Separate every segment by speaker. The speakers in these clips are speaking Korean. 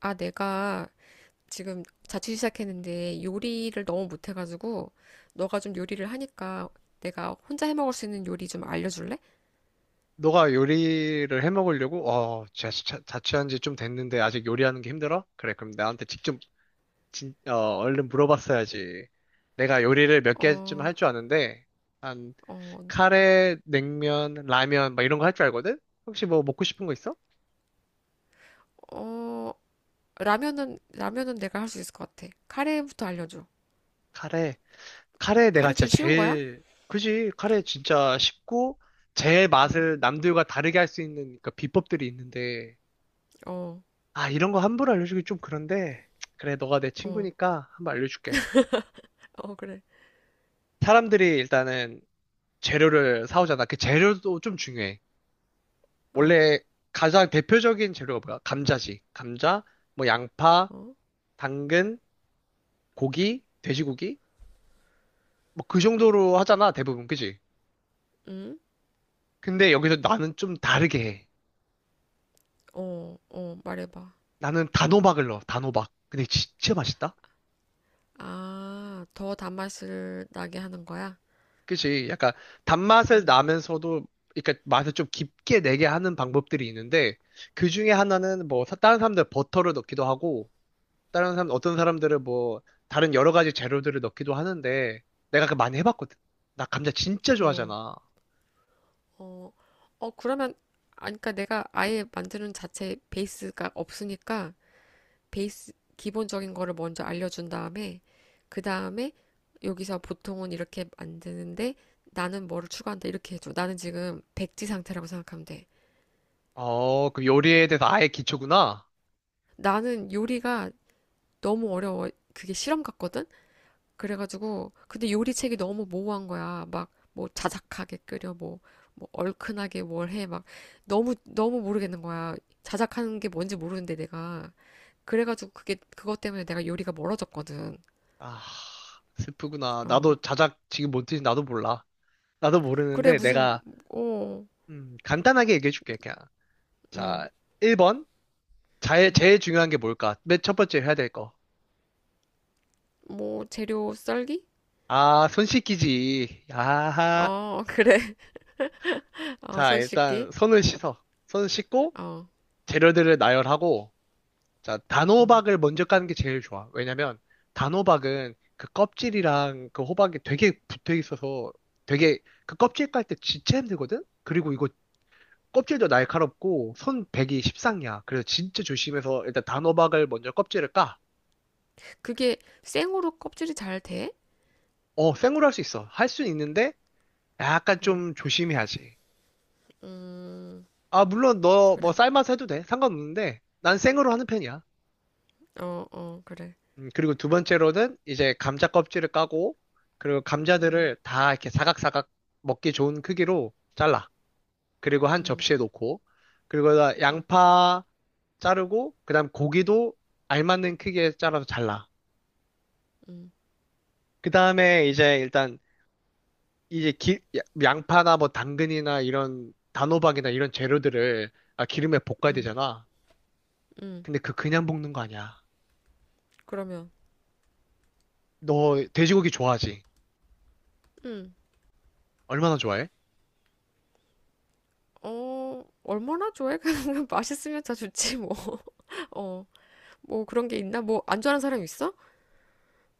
Speaker 1: 아, 내가 지금 자취 시작했는데 요리를 너무 못해가지고 너가 좀 요리를 하니까 내가 혼자 해 먹을 수 있는 요리 좀 알려줄래?
Speaker 2: 너가 요리를 해 먹으려고? 어, 자취한 지 좀 됐는데 아직 요리하는 게 힘들어? 그래, 그럼 나한테 직접, 진, 어, 얼른 물어봤어야지. 내가 요리를 몇 개쯤
Speaker 1: 어,
Speaker 2: 할 줄 아는데, 한,
Speaker 1: 어,
Speaker 2: 카레, 냉면, 라면, 막 이런 거 할 줄 알거든? 혹시 뭐 먹고 싶은 거 있어?
Speaker 1: 어, 라면은 내가 할 수 있을 것 같아. 카레부터 알려줘.
Speaker 2: 카레. 카레 내가
Speaker 1: 카레
Speaker 2: 진짜
Speaker 1: 좀 쉬운 거야?
Speaker 2: 제일, 그지? 카레 진짜 쉽고, 제일
Speaker 1: 응,
Speaker 2: 맛을 남들과 다르게 할 수 있는 그 비법들이 있는데,
Speaker 1: 어,
Speaker 2: 아, 이런 거 함부로 알려주기 좀 그런데, 그래, 너가 내
Speaker 1: 어,
Speaker 2: 친구니까 한번 알려줄게.
Speaker 1: 어, 그래.
Speaker 2: 사람들이 일단은 재료를 사오잖아. 그 재료도 좀 중요해.
Speaker 1: 어,
Speaker 2: 원래 가장 대표적인 재료가 뭐야? 감자지. 감자, 뭐 양파,
Speaker 1: 어,
Speaker 2: 당근, 고기, 돼지고기? 뭐 그 정도로 하잖아, 대부분. 그지?
Speaker 1: 응?
Speaker 2: 근데 여기서 나는 좀 다르게 해.
Speaker 1: 어, 어, 말해봐.
Speaker 2: 나는 단호박을 넣어, 단호박. 근데 진짜 맛있다?
Speaker 1: 아, 더 단맛을 나게 하는 거야?
Speaker 2: 그지? 약간 단맛을
Speaker 1: 응,
Speaker 2: 나면서도, 그러니까 맛을 좀 깊게 내게 하는 방법들이 있는데, 그 중에 하나는 뭐, 다른 사람들 버터를 넣기도 하고, 다른 사람, 어떤 사람들은 뭐, 다른 여러 가지 재료들을 넣기도 하는데, 내가 그 많이 해봤거든. 나 감자 진짜
Speaker 1: 어.
Speaker 2: 좋아하잖아.
Speaker 1: 어, 어, 그러면, 아, 그러니까 내가 아예 만드는 자체 베이스가 없으니까, 베이스, 기본적인 거를 먼저 알려준 다음에, 그 다음에, 여기서 보통은 이렇게 만드는데, 나는 뭐를 추가한다, 이렇게 해줘. 나는 지금 백지 상태라고 생각하면 돼.
Speaker 2: 어, 그 요리에 대해서 아예 기초구나.
Speaker 1: 나는 요리가 너무 어려워. 그게 실험 같거든? 그래가지고 근데 요리책이 너무 모호한 거야. 막 뭐 자작하게 끓여 뭐, 뭐 얼큰하게 뭘 해. 막 너무 너무 모르겠는 거야. 자작하는 게 뭔지 모르는데 내가 그래가지고 그게 그것 때문에 내가 요리가 멀어졌거든.
Speaker 2: 아, 슬프구나.
Speaker 1: 어
Speaker 2: 나도 자작 지금 못인지 나도 몰라. 나도
Speaker 1: 그래
Speaker 2: 모르는데
Speaker 1: 무슨
Speaker 2: 내가 간단하게 얘기해 줄게, 그냥.
Speaker 1: 어음음뭐
Speaker 2: 자, 1번. 제일, 제일 중요한 게 뭘까? 맨 첫 번째 해야 될 거.
Speaker 1: 재료 썰기?
Speaker 2: 아, 손 씻기지. 야하.
Speaker 1: 어 그래
Speaker 2: 자,
Speaker 1: 어손 씻기
Speaker 2: 일단 손을 씻어. 손 씻고
Speaker 1: 어
Speaker 2: 재료들을 나열하고 자,
Speaker 1: 음.
Speaker 2: 단호박을 먼저 까는 게 제일 좋아. 왜냐면 단호박은 그 껍질이랑 그 호박이 되게 붙어 있어서 되게 그 껍질 깔 때 진짜 힘들거든? 그리고 이거 껍질도 날카롭고 손 베기 십상이야. 그래서 진짜 조심해서 일단 단호박을 먼저 껍질을 까.
Speaker 1: 그게 생으로 껍질이 잘 돼?
Speaker 2: 어, 생으로 할 수 있어. 할 수는 있는데 약간
Speaker 1: 어,
Speaker 2: 좀 조심해야지.
Speaker 1: 음,
Speaker 2: 아, 물론 너 뭐
Speaker 1: 그래.
Speaker 2: 삶아서 해도 돼. 상관없는데 난 생으로 하는 편이야.
Speaker 1: 어, 어, 그래.
Speaker 2: 그리고 두 번째로는 이제 감자 껍질을 까고, 그리고
Speaker 1: 음,
Speaker 2: 감자들을 다 이렇게 사각사각 먹기 좋은 크기로 잘라. 그리고 한
Speaker 1: 음,
Speaker 2: 접시에 놓고, 그리고 다 양파 자르고, 그 다음 고기도 알맞는 크기에 잘라서 잘라.
Speaker 1: 음.
Speaker 2: 그 다음에 이제 일단, 이제 양파나 뭐 당근이나 이런 단호박이나 이런 재료들을 아, 기름에 볶아야
Speaker 1: 음,
Speaker 2: 되잖아.
Speaker 1: 음.
Speaker 2: 근데 그 그냥 볶는 거 아니야.
Speaker 1: 그러면,
Speaker 2: 너 돼지고기 좋아하지?
Speaker 1: 음,
Speaker 2: 얼마나 좋아해?
Speaker 1: 어, 얼마나 좋아해? 맛있으면 다 좋지, 뭐. 어, 뭐 그런 게 있나? 뭐, 안 좋아하는 사람 있어?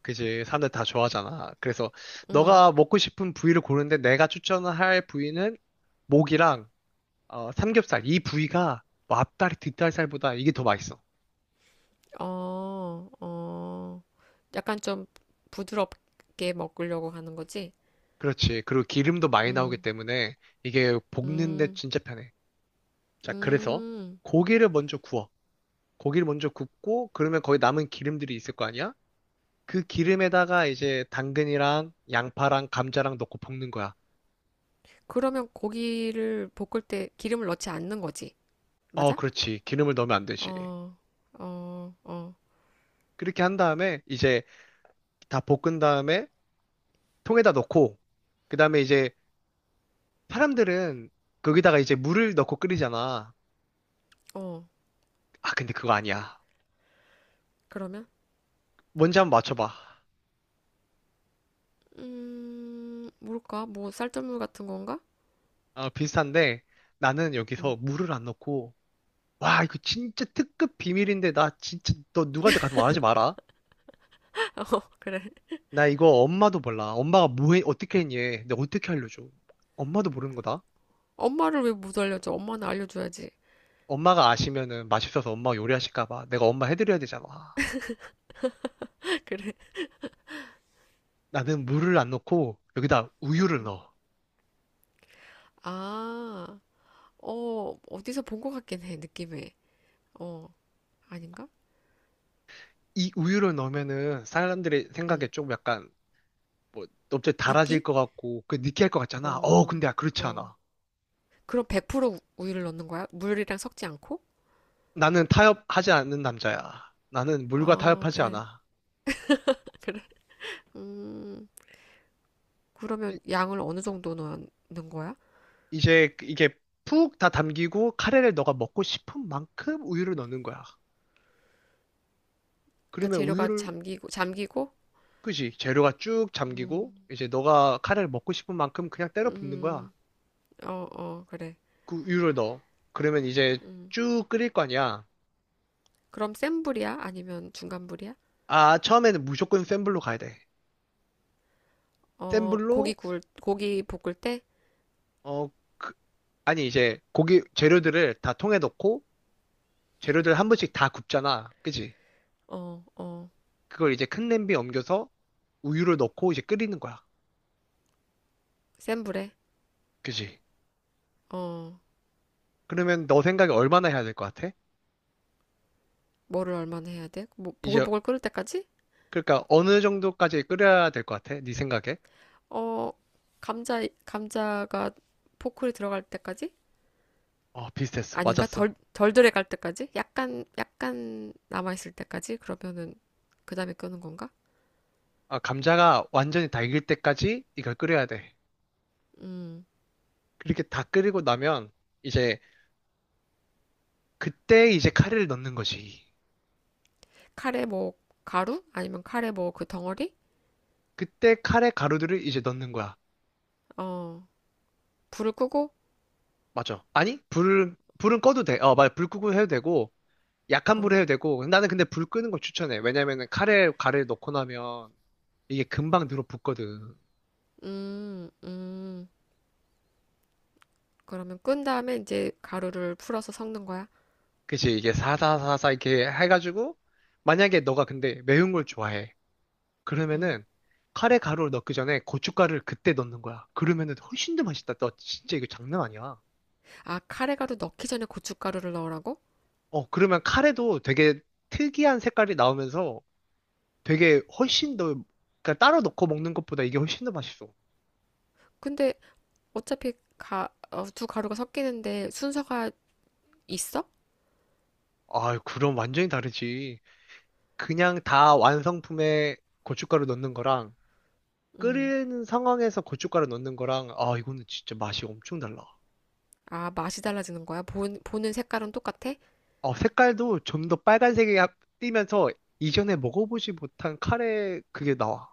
Speaker 2: 그지. 사람들 다 좋아하잖아. 그래서
Speaker 1: 음,
Speaker 2: 너가 먹고 싶은 부위를 고르는데 내가 추천할 부위는 목이랑 어, 삼겹살. 이 부위가 뭐 앞다리, 뒷다리살보다 이게 더 맛있어.
Speaker 1: 어, 어. 약간 좀 부드럽게 먹으려고 하는 거지?
Speaker 2: 그렇지. 그리고 기름도 많이 나오기
Speaker 1: 음,
Speaker 2: 때문에 이게 볶는데
Speaker 1: 음,
Speaker 2: 진짜 편해. 자, 그래서
Speaker 1: 음.
Speaker 2: 고기를 먼저 구워. 고기를 먼저 굽고 그러면 거기 남은 기름들이 있을 거 아니야? 그 기름에다가 이제 당근이랑 양파랑 감자랑 넣고 볶는 거야.
Speaker 1: 그러면 고기를 볶을 때 기름을 넣지 않는 거지?
Speaker 2: 어,
Speaker 1: 맞아?
Speaker 2: 그렇지. 기름을 넣으면 안 되지.
Speaker 1: 어, 어, 어,
Speaker 2: 그렇게 한 다음에 이제 다 볶은 다음에 통에다 넣고 그다음에 이제 사람들은 거기다가 이제 물을 넣고 끓이잖아.
Speaker 1: 어.
Speaker 2: 아, 근데 그거 아니야.
Speaker 1: 그러면?
Speaker 2: 뭔지 한번 맞춰봐.
Speaker 1: 뭘까? 뭐, 쌀뜨물 같은 건가?
Speaker 2: 아, 비슷한데 나는
Speaker 1: 음.
Speaker 2: 여기서 물을 안 넣고 와, 이거 진짜 특급 비밀인데 나 진짜 너 누구한테 가서 말하지 마라.
Speaker 1: 어, 그래.
Speaker 2: 나 이거 엄마도 몰라. 엄마가 뭐 해, 어떻게 했니? 내가 어떻게 알려줘? 엄마도 모르는 거다.
Speaker 1: 엄마를 왜 못 알려줘? 엄마는 알려줘야지.
Speaker 2: 엄마가 아시면은 맛있어서 엄마가 요리하실까 봐 내가 엄마 해드려야 되잖아.
Speaker 1: 그래.
Speaker 2: 나는 물을 안 넣고 여기다 우유를
Speaker 1: 음.
Speaker 2: 넣어.
Speaker 1: 아, 어, 어디서 본 것 같긴 해, 느낌에. 어, 아닌가?
Speaker 2: 이 우유를 넣으면은 사람들의 생각에
Speaker 1: 음
Speaker 2: 좀 약간 뭐자기 달아질
Speaker 1: 느끼?
Speaker 2: 것 같고 그 느끼할 것 같잖아. 어,
Speaker 1: 어,
Speaker 2: 근데 아, 그렇지
Speaker 1: 어.
Speaker 2: 않아.
Speaker 1: 그럼 100% 우유를 넣는 거야? 물이랑 섞지 않고?
Speaker 2: 나는 타협하지 않는 남자야. 나는 물과
Speaker 1: 아,
Speaker 2: 타협하지
Speaker 1: 그래.
Speaker 2: 않아.
Speaker 1: 그래. 음,
Speaker 2: 이-
Speaker 1: 그러면 양을 어느 정도 넣는 거야?
Speaker 2: 이제 이게 푹 다 담기고 카레를 너가 먹고 싶은 만큼 우유를 넣는 거야.
Speaker 1: 그러니까
Speaker 2: 그러면
Speaker 1: 재료가
Speaker 2: 우유를
Speaker 1: 잠기고, 잠기고?
Speaker 2: 그지? 재료가 쭉 잠기고
Speaker 1: 음,
Speaker 2: 이제 너가 카레를 먹고 싶은 만큼 그냥 때려 붓는 거야.
Speaker 1: 음, 어, 어, 그래.
Speaker 2: 그 우유를 넣어. 그러면 이제
Speaker 1: 음.
Speaker 2: 쭉 끓일 거 아니야.
Speaker 1: 그럼 센 불이야? 아니면 중간 불이야?
Speaker 2: 아, 처음에는 무조건 센 불로 가야 돼. 센
Speaker 1: 어, 고기
Speaker 2: 불로
Speaker 1: 구울, 고기 볶을 때,
Speaker 2: 어, 그- 아니, 이제 고기 재료들을 다 통에 넣고 재료들 한 번씩 다 굽잖아. 그지?
Speaker 1: 어, 어,
Speaker 2: 그걸 이제 큰 냄비에 옮겨서 우유를 넣고 이제 끓이는 거야.
Speaker 1: 센 불에,
Speaker 2: 그지?
Speaker 1: 어,
Speaker 2: 그러면 너 생각에 얼마나 해야 될 것 같아?
Speaker 1: 뭐를 얼마나 해야 돼? 뭐,
Speaker 2: 이제,
Speaker 1: 보글보글 끓을 때까지?
Speaker 2: 그러니까 어느 정도까지 끓여야 될 것 같아? 네 생각에?
Speaker 1: 어, 감자가 포크에 들어갈 때까지?
Speaker 2: 어, 비슷했어.
Speaker 1: 아닌가?
Speaker 2: 맞았어.
Speaker 1: 덜 들어갈 때까지? 약간, 약간 남아있을 때까지? 그러면은, 그 다음에 끄는 건가?
Speaker 2: 아, 감자가 완전히 다 익을 때까지 이걸 끓여야 돼.
Speaker 1: 음,
Speaker 2: 그렇게 다 끓이고 나면 이제 그때 이제 카레를 넣는 거지.
Speaker 1: 카레 뭐, 가루? 아니면 카레 뭐, 그 덩어리?
Speaker 2: 그때 카레 가루들을 이제 넣는 거야.
Speaker 1: 어, 불을 끄고,
Speaker 2: 맞아. 아니, 불은 꺼도 돼. 어, 맞아. 불 끄고 해도 되고, 약한 불에
Speaker 1: 어,
Speaker 2: 해도 되고. 나는 근데 불 끄는 걸 추천해. 왜냐면은 카레, 가래를 넣고 나면 이게 금방 늘어붙거든.
Speaker 1: 음, 음. 그러면 끈 다음에 이제 가루를 풀어서 섞는 거야?
Speaker 2: 그치? 이게 사사사사 이렇게 해가지고, 만약에 너가 근데 매운 걸 좋아해.
Speaker 1: 음.
Speaker 2: 그러면은 카레 가루를 넣기 전에 고춧가루를 그때 넣는 거야. 그러면은 훨씬 더 맛있다. 너 진짜 이거 장난 아니야.
Speaker 1: 아, 카레가루 넣기 전에 고춧가루를 넣으라고?
Speaker 2: 어, 그러면 카레도 되게 특이한 색깔이 나오면서 되게 훨씬 더, 그러니까 따로 넣고 먹는 것보다 이게 훨씬 더 맛있어.
Speaker 1: 근데 어차피 두 가루가 섞이는데 순서가 있어?
Speaker 2: 아, 그럼 완전히 다르지. 그냥 다 완성품에 고춧가루 넣는 거랑
Speaker 1: 음.
Speaker 2: 끓이는 상황에서 고춧가루 넣는 거랑 아, 이거는 진짜 맛이 엄청 달라.
Speaker 1: 아, 맛이 달라지는 거야? 보는 색깔은 똑같아?
Speaker 2: 어, 색깔도 좀 더 빨간색이 띄면서 이전에 먹어보지 못한 카레 그게 나와.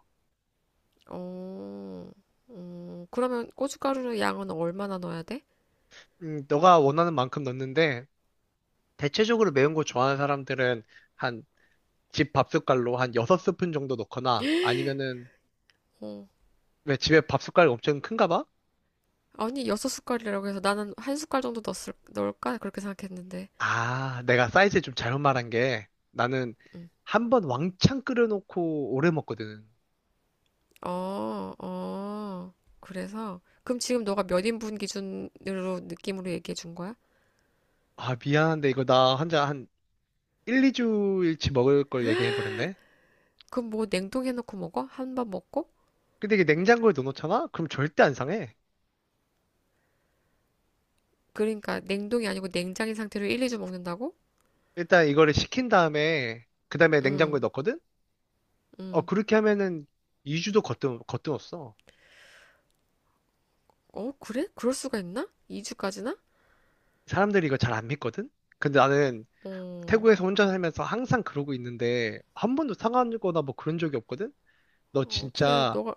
Speaker 1: 어, 그러면 고춧가루 양은 얼마나 넣어야 돼?
Speaker 2: 너가 원하는 만큼 넣는데 대체적으로 매운 거 좋아하는 사람들은 한 집 밥숟갈로 한 6스푼 정도 넣거나 아니면은
Speaker 1: 어,
Speaker 2: 왜 집에 밥숟갈 엄청 큰가 봐?
Speaker 1: 아니, 여섯 숟갈이라고 해서 나는 한 숟갈 정도 넣을까? 그렇게 생각했는데.
Speaker 2: 아, 내가 사이즈 좀 잘못 말한 게 나는
Speaker 1: 음.
Speaker 2: 한 번 왕창 끓여놓고 오래 먹거든.
Speaker 1: 어, 어. 그래서, 그럼 지금 너가 몇 인분 기준으로 느낌으로 얘기해 준 거야?
Speaker 2: 아, 미안한데 이거 나 혼자 한 1, 2주일치 먹을 걸 얘기해버렸네.
Speaker 1: 그럼 뭐 냉동해놓고 먹어? 한 번 먹고?
Speaker 2: 근데 이게 냉장고에 넣어놓잖아? 그럼 절대 안 상해.
Speaker 1: 그러니까 냉동이 아니고 냉장인 상태로 1, 2주 먹는다고?
Speaker 2: 일단 이거를 식힌 다음에 그 다음에 냉장고에
Speaker 1: 응,
Speaker 2: 넣거든? 어,
Speaker 1: 응.
Speaker 2: 그렇게 하면은 2주도 거뜬었어.
Speaker 1: 어, 그래? 그럴 수가 있나? 2주까지나?
Speaker 2: 사람들이 이거 잘 안 믿거든? 근데 나는
Speaker 1: 어,
Speaker 2: 태국에서 혼자 살면서 항상 그러고 있는데 한 번도 상하거나 뭐 그런 적이 없거든? 너
Speaker 1: 어, 그래.
Speaker 2: 진짜
Speaker 1: 너가,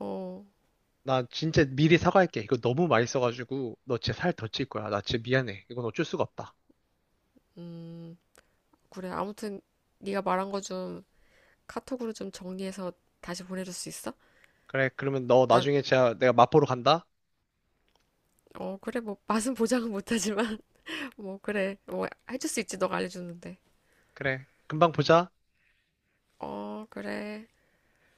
Speaker 1: 어,
Speaker 2: 나 진짜 미리 사과할게. 이거 너무 맛있어가지고 너 진짜 살 더 찔 거야. 나 진짜 미안해. 이건 어쩔 수가 없다.
Speaker 1: 음, 그래. 아무튼 네가 말한 거 좀 카톡으로 좀 정리해서 다시 보내줄 수 있어?
Speaker 2: 그래, 그러면 너
Speaker 1: 나,
Speaker 2: 나중에 진짜 내가 마포로 간다.
Speaker 1: 어, 그래. 뭐 맛은 보장은 못하지만 뭐 그래. 뭐 해줄 수 있지. 너가 알려줬는데.
Speaker 2: 그래, 금방 보자.
Speaker 1: 어, 그래.